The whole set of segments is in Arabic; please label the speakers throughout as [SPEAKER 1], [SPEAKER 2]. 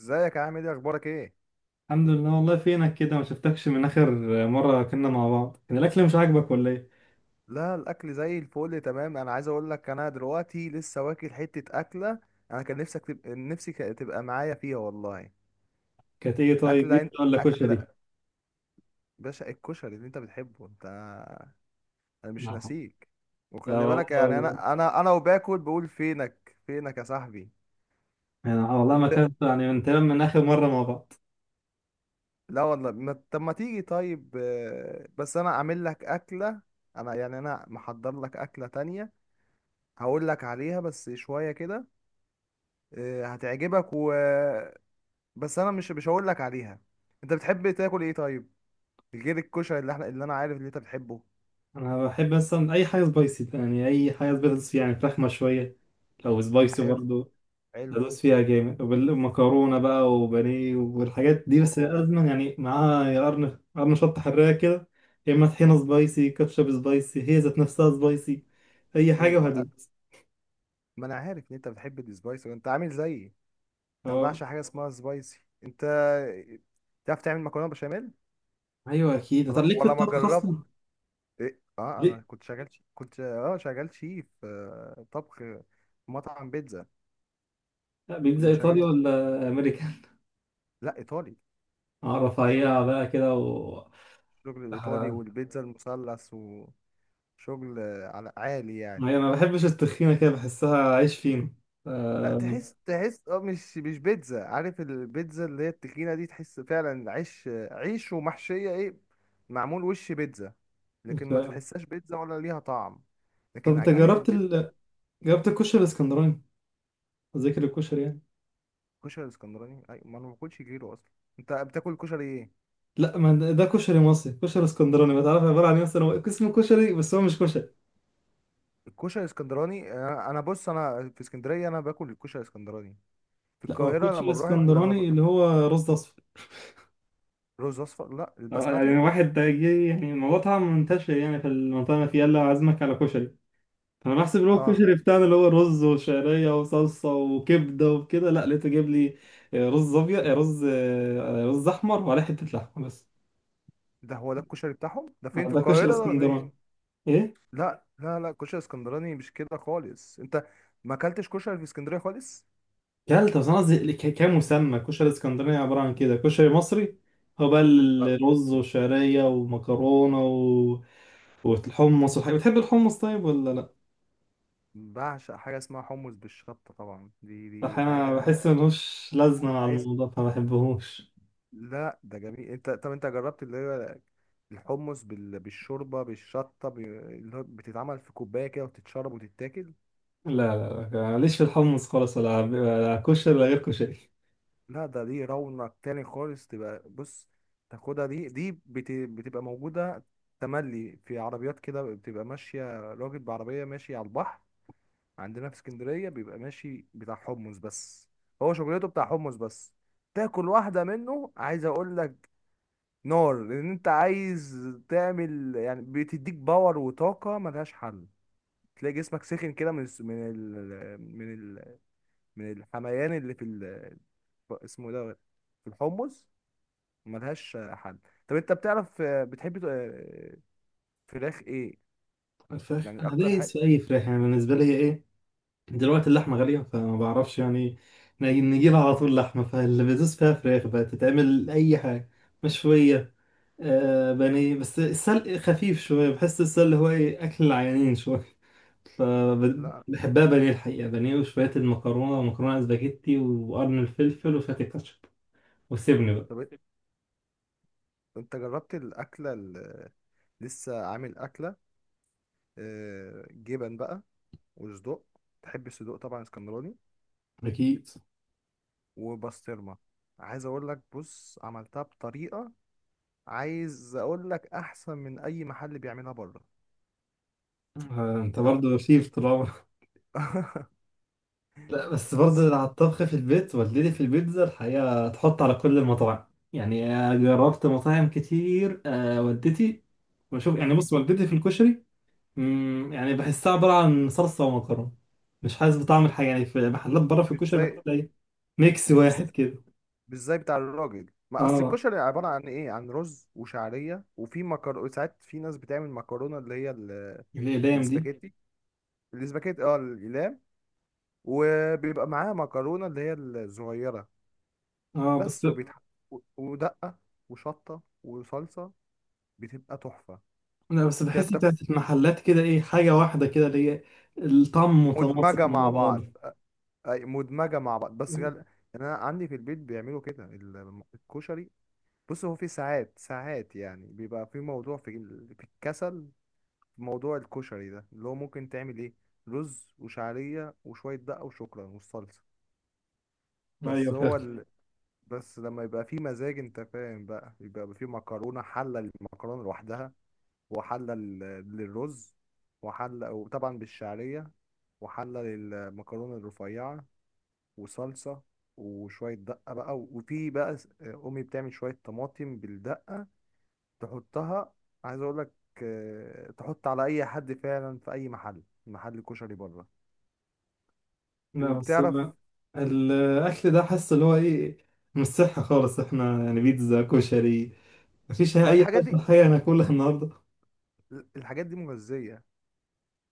[SPEAKER 1] ازيك يا عامل ايه اخبارك ايه؟
[SPEAKER 2] الحمد لله. والله فينك كده؟ ما شفتكش من اخر مره كنا مع بعض. كان الاكل مش عاجبك ولا ايه؟
[SPEAKER 1] لا، الاكل زي الفل تمام. انا عايز اقول لك انا دلوقتي لسه واكل حته اكله. انا كان نفسك تبقى، نفسي تبقى معايا فيها والله.
[SPEAKER 2] كانت ايه طيب؟
[SPEAKER 1] اكله، انت
[SPEAKER 2] بيتزا ولا كشري؟
[SPEAKER 1] اكله باشا، الكشري اللي انت بتحبه انت. انا مش
[SPEAKER 2] لا،
[SPEAKER 1] ناسيك.
[SPEAKER 2] لا
[SPEAKER 1] وخلي بالك يعني
[SPEAKER 2] والله.
[SPEAKER 1] انا وباكل بقول فينك فينك يا صاحبي.
[SPEAKER 2] انا والله ما
[SPEAKER 1] انت.
[SPEAKER 2] كانت يعني من تمام، من اخر مره مع بعض.
[SPEAKER 1] لا والله ما... طب ما تيجي طيب، بس انا اعمل لك اكله. انا يعني انا محضر لك اكله تانية. هقول لك عليها بس شويه كده. هتعجبك و... بس انا مش هقول لك عليها. انت بتحب تاكل ايه طيب؟ غير الكشري اللي احنا، اللي انا عارف اللي انت بتحبه.
[SPEAKER 2] انا بحب مثلا اي حاجه سبايسي، يعني اي حاجه سبايسي، يعني فراخ مشويه لو سبايسي
[SPEAKER 1] حلو خلاص بقى.
[SPEAKER 2] برضه.
[SPEAKER 1] حلو.
[SPEAKER 2] هدوس فيها جامد ومكرونه بقى وبانيه والحاجات دي،
[SPEAKER 1] أوه.
[SPEAKER 2] بس
[SPEAKER 1] حلو.
[SPEAKER 2] لازما يعني معاها يا قرن قرن شطه حراقه كده. يا اما طحينه سبايسي، كاتشب سبايسي، هي ذات نفسها سبايسي اي
[SPEAKER 1] ايوه
[SPEAKER 2] حاجه وهدوس.
[SPEAKER 1] ما انا عارف ان انت بتحب السبايسي، وانت عامل زيي. انا
[SPEAKER 2] اه،
[SPEAKER 1] بعشق حاجه اسمها سبايسي. انت تعرف تعمل مكرونه بشاميل؟
[SPEAKER 2] ايوه اكيد، طب
[SPEAKER 1] ولا
[SPEAKER 2] ليك في
[SPEAKER 1] ولا ما
[SPEAKER 2] الطبخ
[SPEAKER 1] جربت.
[SPEAKER 2] اصلا؟
[SPEAKER 1] إيه؟ اه،
[SPEAKER 2] ليه؟
[SPEAKER 1] انا كنت شغال كنت شغال شيف، طبخ في مطعم بيتزا.
[SPEAKER 2] لا، بيتزا
[SPEAKER 1] كنا
[SPEAKER 2] ايطالي
[SPEAKER 1] شغالين.
[SPEAKER 2] ولا امريكان؟
[SPEAKER 1] لا، ايطالي.
[SPEAKER 2] اعرف
[SPEAKER 1] شغل.
[SPEAKER 2] اعيها بقى كده و...
[SPEAKER 1] الشغل الايطالي
[SPEAKER 2] آه.
[SPEAKER 1] والبيتزا المثلث و... شغل على عالي يعني.
[SPEAKER 2] أيوة، انا ما بحبش التخينه كده، بحسها عيش فينو.
[SPEAKER 1] لا
[SPEAKER 2] آه.
[SPEAKER 1] تحس، تحس مش بيتزا. عارف البيتزا اللي هي التخينة دي؟ تحس فعلا عيش، عيش ومحشية ايه، معمول وش بيتزا. لكن
[SPEAKER 2] ف-
[SPEAKER 1] ما تحسهاش بيتزا ولا ليها طعم.
[SPEAKER 2] طب
[SPEAKER 1] لكن
[SPEAKER 2] انت
[SPEAKER 1] عجينة البيتزا.
[SPEAKER 2] جربت الكشري الاسكندراني، ذاكر الكشري يعني.
[SPEAKER 1] الكشري الاسكندراني اي، ما انا ما باكلش غيره اصلا. انت بتاكل كشري ايه؟
[SPEAKER 2] لا، ما ده كشري مصري، كشري اسكندراني ما تعرف عباره عن ايه؟ مثلا هو اسمه كشري بس هو مش كشري.
[SPEAKER 1] الكشري الاسكندراني انا بص، انا في اسكندرية انا باكل الكشري الاسكندراني. في
[SPEAKER 2] لا، هو
[SPEAKER 1] القاهرة،
[SPEAKER 2] كشري
[SPEAKER 1] لما بروح لما
[SPEAKER 2] اسكندراني
[SPEAKER 1] بروح.
[SPEAKER 2] اللي هو رز اصفر.
[SPEAKER 1] رز اصفر؟ لا،
[SPEAKER 2] آه، يعني
[SPEAKER 1] البسماتيو.
[SPEAKER 2] واحد ده جه، يعني الموضوع طبعا منتشر يعني في المنطقه اللي أنا فيها، يلا عازمك على كشري. انا بحسب اللي هو
[SPEAKER 1] اه،
[SPEAKER 2] الكشري بتاعنا اللي هو رز وشعريه وصلصه وكبده وكده، لا لقيته جايب لي رز ابيض، رز احمر وعليه حته لحمه بس.
[SPEAKER 1] ده هو ده الكشري بتاعهم. ده فين؟ في
[SPEAKER 2] ده
[SPEAKER 1] القاهرة
[SPEAKER 2] كشري
[SPEAKER 1] ده ولا فين؟
[SPEAKER 2] اسكندراني. ايه؟
[SPEAKER 1] لا، لا، لا، كشري اسكندراني مش كده خالص انت. ما اكلتش كشري في اسكندريه خالص.
[SPEAKER 2] كلت بس انا قصدي كمسمى كشري اسكندراني عباره عن كده، كشري مصري هو بقى
[SPEAKER 1] لا،
[SPEAKER 2] الرز وشعريه ومكرونه و... والحمص والحاجات، بتحب الحمص طيب ولا لا؟
[SPEAKER 1] بعشق حاجه اسمها حمص بالشطه طبعا، دي
[SPEAKER 2] احيانا
[SPEAKER 1] حاجه.
[SPEAKER 2] بحس ملوش لازمه مع
[SPEAKER 1] عايز.
[SPEAKER 2] الموضوع فما بحبهوش.
[SPEAKER 1] لا ده جميل. انت، طب انت جربت اللي هو الحمص بالشوربه بالشطه اللي هو بتتعمل في كوبايه كده وتتشرب وتتاكل؟
[SPEAKER 2] لا، لا، لا، ماليش في الحمص خالص، ولا كشري ولا غير كشري.
[SPEAKER 1] لا، ده دي رونق تاني خالص. تبقى بص تاخدها، دي بتبقى موجوده. تملي في عربيات كده، بتبقى ماشيه راجل بعربيه ماشي على البحر. عندنا في اسكندرية بيبقى ماشي بتاع حمص بس. هو شغلته بتاع حمص بس. تاكل واحدة منه عايز اقول لك، نار. لان انت عايز تعمل يعني، بتديك باور وطاقة ملهاش حل. تلاقي جسمك سخن كده، من ال من الحميان اللي في ال... اسمه ده، في الحمص. ملهاش حل. طب انت بتعرف، بتحب فراخ ايه؟
[SPEAKER 2] الفراخ
[SPEAKER 1] يعني
[SPEAKER 2] انا
[SPEAKER 1] اكتر
[SPEAKER 2] دايس
[SPEAKER 1] حاجة.
[SPEAKER 2] في اي فراخ يعني، بالنسبه لي ايه. دلوقتي اللحمه غاليه فما بعرفش يعني. نجيب على طول لحمه، فاللي بدوس فيها فراخ بقى تتعمل اي حاجه مشويه. آه، بانيه، بس السلق خفيف شويه، بحس السلق هو ايه اكل العيانين شويه.
[SPEAKER 1] لا.
[SPEAKER 2] فبحبها بانيه الحقيقه، بانيه وشويه المكرونه، ومكرونه اسباجيتي وقرن الفلفل وشويه الكاتشب، وسيبني بقى.
[SPEAKER 1] طب انت جربت الاكلة اللي لسه عامل اكلة؟ جبن بقى، وصدوق. تحب الصدوق طبعا اسكندراني،
[SPEAKER 2] اكيد.
[SPEAKER 1] وبسطرمه. عايز اقول لك، بص عملتها بطريقه. عايز اقول لك احسن من اي محل بيعملها بره.
[SPEAKER 2] آه، انت
[SPEAKER 1] ده
[SPEAKER 2] برضه شيف طول عمرك؟ لا، بس
[SPEAKER 1] بص.
[SPEAKER 2] برضه على الطبخ في البيت، والدتي في البيتزا الحقيقة تحط على كل المطاعم. يعني جربت مطاعم كتير، والدتي، وشوف يعني،
[SPEAKER 1] مم.
[SPEAKER 2] بص والدتي في الكشري. يعني بحسها عبارة عن صلصة ومكرونة، مش حاسس بطعم الحاجة، يعني في محلات بره في
[SPEAKER 1] مش
[SPEAKER 2] الكشري
[SPEAKER 1] زي.
[SPEAKER 2] بحس إيه، ميكس
[SPEAKER 1] مش بس
[SPEAKER 2] واحد كده.
[SPEAKER 1] مش زي بتاع الراجل. ما اصل
[SPEAKER 2] اه،
[SPEAKER 1] الكشري عباره عن ايه؟ عن رز وشعريه، وفي مكرونه ساعات. في ناس بتعمل مكرونه اللي هي
[SPEAKER 2] الأقلام دي.
[SPEAKER 1] الاسباجيتي. الاسباجيتي، الاقلام. وبيبقى معاها مكرونه اللي هي الصغيره
[SPEAKER 2] اه بس.
[SPEAKER 1] بس. ودقة وشطة وصلصة. بتبقى تحفة.
[SPEAKER 2] لا، بس
[SPEAKER 1] انت
[SPEAKER 2] بحس
[SPEAKER 1] بتاكل
[SPEAKER 2] بتاعت المحلات كده ايه، حاجة واحدة كده اللي هي الطعم متناسق
[SPEAKER 1] مدمجة
[SPEAKER 2] مع
[SPEAKER 1] مع بعض.
[SPEAKER 2] بعض.
[SPEAKER 1] اي، مدمجة مع بعض بس يعني انا عندي في البيت بيعملوا كده الكشري. بص، هو في ساعات ساعات يعني بيبقى في موضوع في في الكسل، في موضوع الكشري ده. اللي هو ممكن تعمل ايه؟ رز وشعرية وشوية دقة وشكرا والصلصة
[SPEAKER 2] ايوه.
[SPEAKER 1] بس. هو بس لما يبقى في مزاج، انت فاهم بقى، يبقى في مكرونة. حلة المكرونة لوحدها، وحلة للرز، وحلة وطبعا بالشعرية، وحلة للمكرونة الرفيعة، وصلصة، وشوية دقة بقى. وفي بقى أمي بتعمل شوية طماطم بالدقة، تحطها. عايز أقولك، تحط على أي حد فعلا في أي محل كشري بره.
[SPEAKER 2] لا، بس
[SPEAKER 1] بتعرف؟
[SPEAKER 2] أنا الأكل ده حاسس اللي هو إيه، مش صحي خالص، إحنا يعني بيتزا، كشري، مفيش
[SPEAKER 1] ما
[SPEAKER 2] أي
[SPEAKER 1] الحاجات
[SPEAKER 2] حاجة
[SPEAKER 1] دي،
[SPEAKER 2] حقيقة ناكلها النهاردة.
[SPEAKER 1] الحاجات دي مغذية.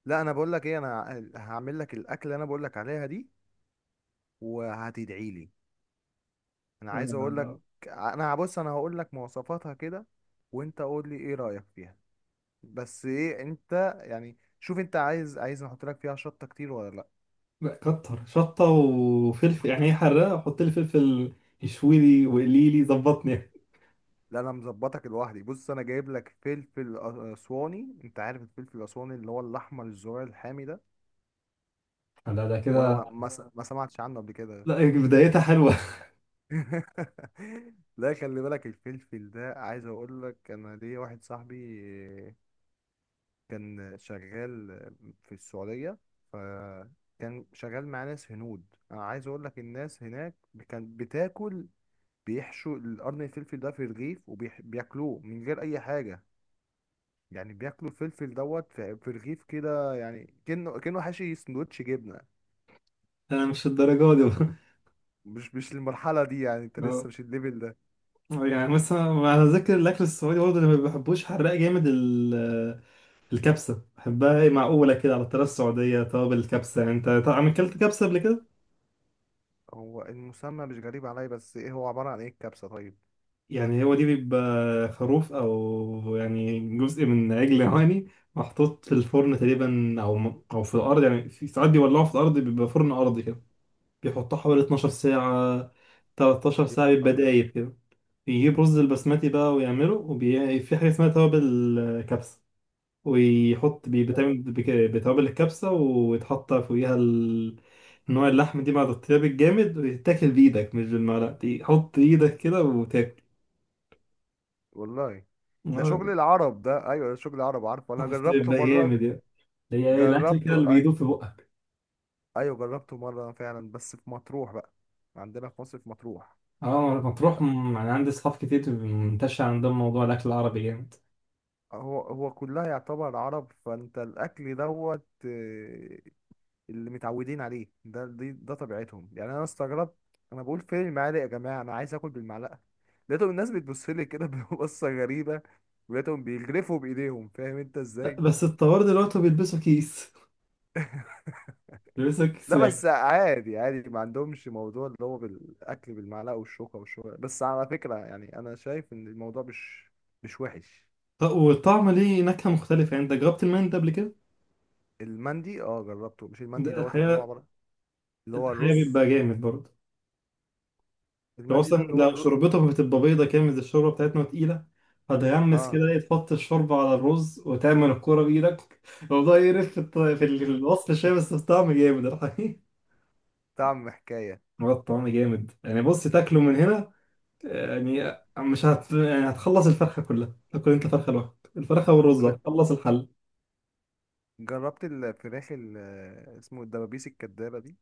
[SPEAKER 1] لا، أنا بقولك إيه، أنا هعمل لك الأكل اللي أنا بقولك عليها دي، وهتدعي لي. انا عايز اقول لك.
[SPEAKER 2] آه.
[SPEAKER 1] انا بص، انا هقول لك مواصفاتها كده، وانت قول لي ايه رأيك فيها. بس ايه انت، يعني شوف انت عايز احط لك فيها شطة كتير ولا لا؟
[SPEAKER 2] لا، كتر شطة وفلفل، يعني إيه حراقة، حط لي فلفل، يشوي لي وقلي لي، ظبطني.
[SPEAKER 1] لا، انا مظبطك لوحدي. بص انا جايب لك فلفل اسواني. انت عارف الفلفل الاسواني اللي هو الاحمر الزرار الحامي ده؟
[SPEAKER 2] لا ده
[SPEAKER 1] ولا
[SPEAKER 2] كده.
[SPEAKER 1] ما ما, ما سمعتش عنه قبل كده؟
[SPEAKER 2] لا. بدايتها حلوة.
[SPEAKER 1] لا، خلي بالك، الفلفل ده عايز اقول لك، انا ليا واحد صاحبي كان شغال في السعودية. فكان شغال مع ناس هنود. أنا عايز أقول لك الناس هناك كانت بتاكل، بيحشوا القرن الفلفل ده في رغيف وبياكلوه من غير أي حاجة. يعني بياكلوا الفلفل دوت في رغيف كده، يعني كأنه حاشي سندوتش جبنة.
[SPEAKER 2] أنا مش الدرجة دي.
[SPEAKER 1] مش المرحلة دي يعني. أنت لسه
[SPEAKER 2] برضه.
[SPEAKER 1] مش الليفل ده.
[SPEAKER 2] آه، يعني مثلا على ذكر الأكل السعودي برضه، اللي ما بحبوش حراق جامد. الكبسة بحبها، هي معقولة كده على الطريقة السعودية، توابل الكبسة يعني، انت طبعا اكلت كبسة قبل كده؟
[SPEAKER 1] هو المسمى مش غريب عليا، بس إيه هو عبارة عن إيه الكبسة طيب؟
[SPEAKER 2] يعني هو دي بيبقى خروف او يعني جزء من عجل هواني، محطوط في الفرن تقريبا، او في الارض، يعني في ساعات بيولعوه في الارض، بيبقى فرن ارضي كده، بيحطوه حوالي 12 ساعة، 13
[SPEAKER 1] يا
[SPEAKER 2] ساعة
[SPEAKER 1] نهار
[SPEAKER 2] بيبقى
[SPEAKER 1] أبيض.
[SPEAKER 2] دايب كده. بيجيب رز البسمتي بقى ويعمله، وفي حاجة اسمها توابل كبسة، ويحط بيتعمل بتوابل الكبسة، ويتحط فوقيها نوع اللحم دي مع الطياب الجامد، ويتاكل بإيدك مش بالمعلقة، دي حط إيدك كده وتاكل.
[SPEAKER 1] والله ده شغل
[SPEAKER 2] آه،
[SPEAKER 1] العرب. ده ايوه، ده شغل العرب، عارفه انا
[SPEAKER 2] بس
[SPEAKER 1] جربته
[SPEAKER 2] بيبقى
[SPEAKER 1] مره.
[SPEAKER 2] جامد يعني. هي إيه الأكل كده
[SPEAKER 1] جربته
[SPEAKER 2] اللي
[SPEAKER 1] أي...
[SPEAKER 2] بيدوب في بقك؟
[SPEAKER 1] ايوه جربته مره فعلا، بس في مطروح بقى. عندنا في مصر في مطروح.
[SPEAKER 2] اه لما تروح يعني عندي أصحاب كتير منتشر عندهم موضوع الأكل العربي جامد.
[SPEAKER 1] هو هو كلها يعتبر عرب. فانت الاكل دوت، اللي متعودين عليه ده، دي ده طبيعتهم يعني. انا استغربت، انا بقول فين المعالق يا جماعه، انا عايز اكل بالمعلقه. لقيتهم الناس بتبص لي كده ببصه غريبه. ولقيتهم بيجرفوا بايديهم، فاهم انت ازاي؟
[SPEAKER 2] بس الطوار دلوقتي بيلبسوا كيس
[SPEAKER 1] لا
[SPEAKER 2] واحد.
[SPEAKER 1] بس عادي عادي، ما عندهمش موضوع اللي هو بالاكل بالمعلقه والشوكه. والشوكه بس على فكره، يعني انا شايف ان الموضوع مش وحش.
[SPEAKER 2] طب والطعم ليه نكهة مختلفة، يعني أنت جربت المندي قبل كده؟
[SPEAKER 1] المندي، جربته. مش المندي
[SPEAKER 2] ده
[SPEAKER 1] دوت اللي هو
[SPEAKER 2] الحقيقة
[SPEAKER 1] عباره، اللي هو
[SPEAKER 2] الحقيقة
[SPEAKER 1] الرز.
[SPEAKER 2] بيبقى جامد برضه. لو
[SPEAKER 1] المندي ده
[SPEAKER 2] اصلا
[SPEAKER 1] اللي هو
[SPEAKER 2] لو
[SPEAKER 1] الرز.
[SPEAKER 2] شوربتهم بتبقى بيضة كده، مش الشوربة بتاعتنا تقيلة، هتغمس
[SPEAKER 1] اه
[SPEAKER 2] كده ايه، تحط الشوربة على الرز وتعمل الكورة بإيدك. الموضوع يقرف في في الوصف شوية، بس الطعم جامد الحقيقة.
[SPEAKER 1] طعم حكايه.
[SPEAKER 2] هو الطعم جامد يعني، بص تاكله من هنا يعني، مش يعني هتخلص الفرخة كلها، تاكل انت فرخة لوحدك، الفرخة والرز
[SPEAKER 1] طب
[SPEAKER 2] هتخلص الحل.
[SPEAKER 1] جربت الفراخ اسمه الدبابيس الكدابه دي؟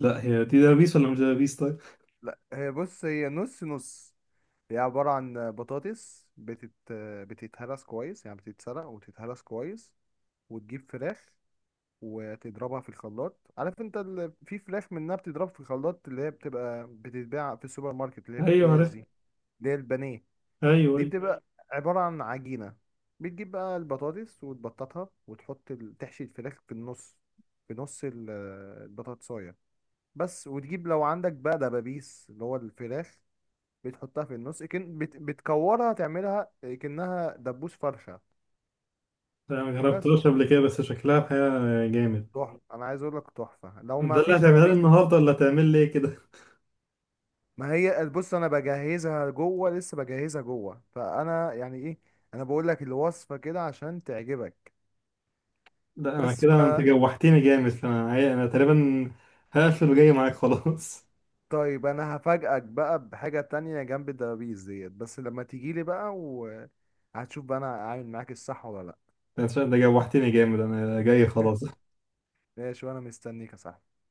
[SPEAKER 2] لا هي دي دبابيس ولا مش دبابيس طيب؟
[SPEAKER 1] لا، هي بص، هي نص نص. هي عباره عن بطاطس بتتهرس كويس، يعني بتتسلق وتتهرس كويس. وتجيب فراخ، وتضربها في الخلاط. عارف انت في فراخ منها بتضرب في الخلاط، اللي هي بتبقى بتتباع في السوبر ماركت اللي هي في
[SPEAKER 2] ايوه
[SPEAKER 1] اكياس
[SPEAKER 2] عارف.
[SPEAKER 1] دي. اللي هي البانيه
[SPEAKER 2] ايوه،
[SPEAKER 1] دي.
[SPEAKER 2] ايوه.
[SPEAKER 1] بتبقى عبارة عن عجينة. بتجيب بقى البطاطس وتبططها، وتحط تحشي الفراخ في النص، في نص البطاطساية بس. وتجيب لو عندك بقى دبابيس اللي هو الفراخ، بتحطها في النص. كن بتكورها تعملها كأنها دبوس فرخة
[SPEAKER 2] انا ما
[SPEAKER 1] بس.
[SPEAKER 2] جربتهاش قبل كده بس شكلها حاجة جامد.
[SPEAKER 1] تحفة. انا عايز اقول لك تحفة. لو ما
[SPEAKER 2] ده اللي
[SPEAKER 1] فيش
[SPEAKER 2] هتعملها لي
[SPEAKER 1] دبابيس،
[SPEAKER 2] النهارده ولا هتعمل لي إيه كده؟
[SPEAKER 1] ما هي بص انا بجهزها جوه. لسه بجهزها جوه، فانا يعني ايه، انا بقول لك الوصفه كده عشان تعجبك.
[SPEAKER 2] ده انا
[SPEAKER 1] بس ف...
[SPEAKER 2] كده انت جوحتني جامد، انا انا تقريبا هقفل وجاي معاك خلاص.
[SPEAKER 1] طيب، انا هفاجئك بقى بحاجه تانية جنب الدبابيس ديت. بس لما تيجي لي بقى، وهتشوف بقى انا عامل معاك الصح ولا لا.
[SPEAKER 2] ده جوحتني جامد انا جاي خلاص.
[SPEAKER 1] ماشي، وانا مستنيك يا صاحبي.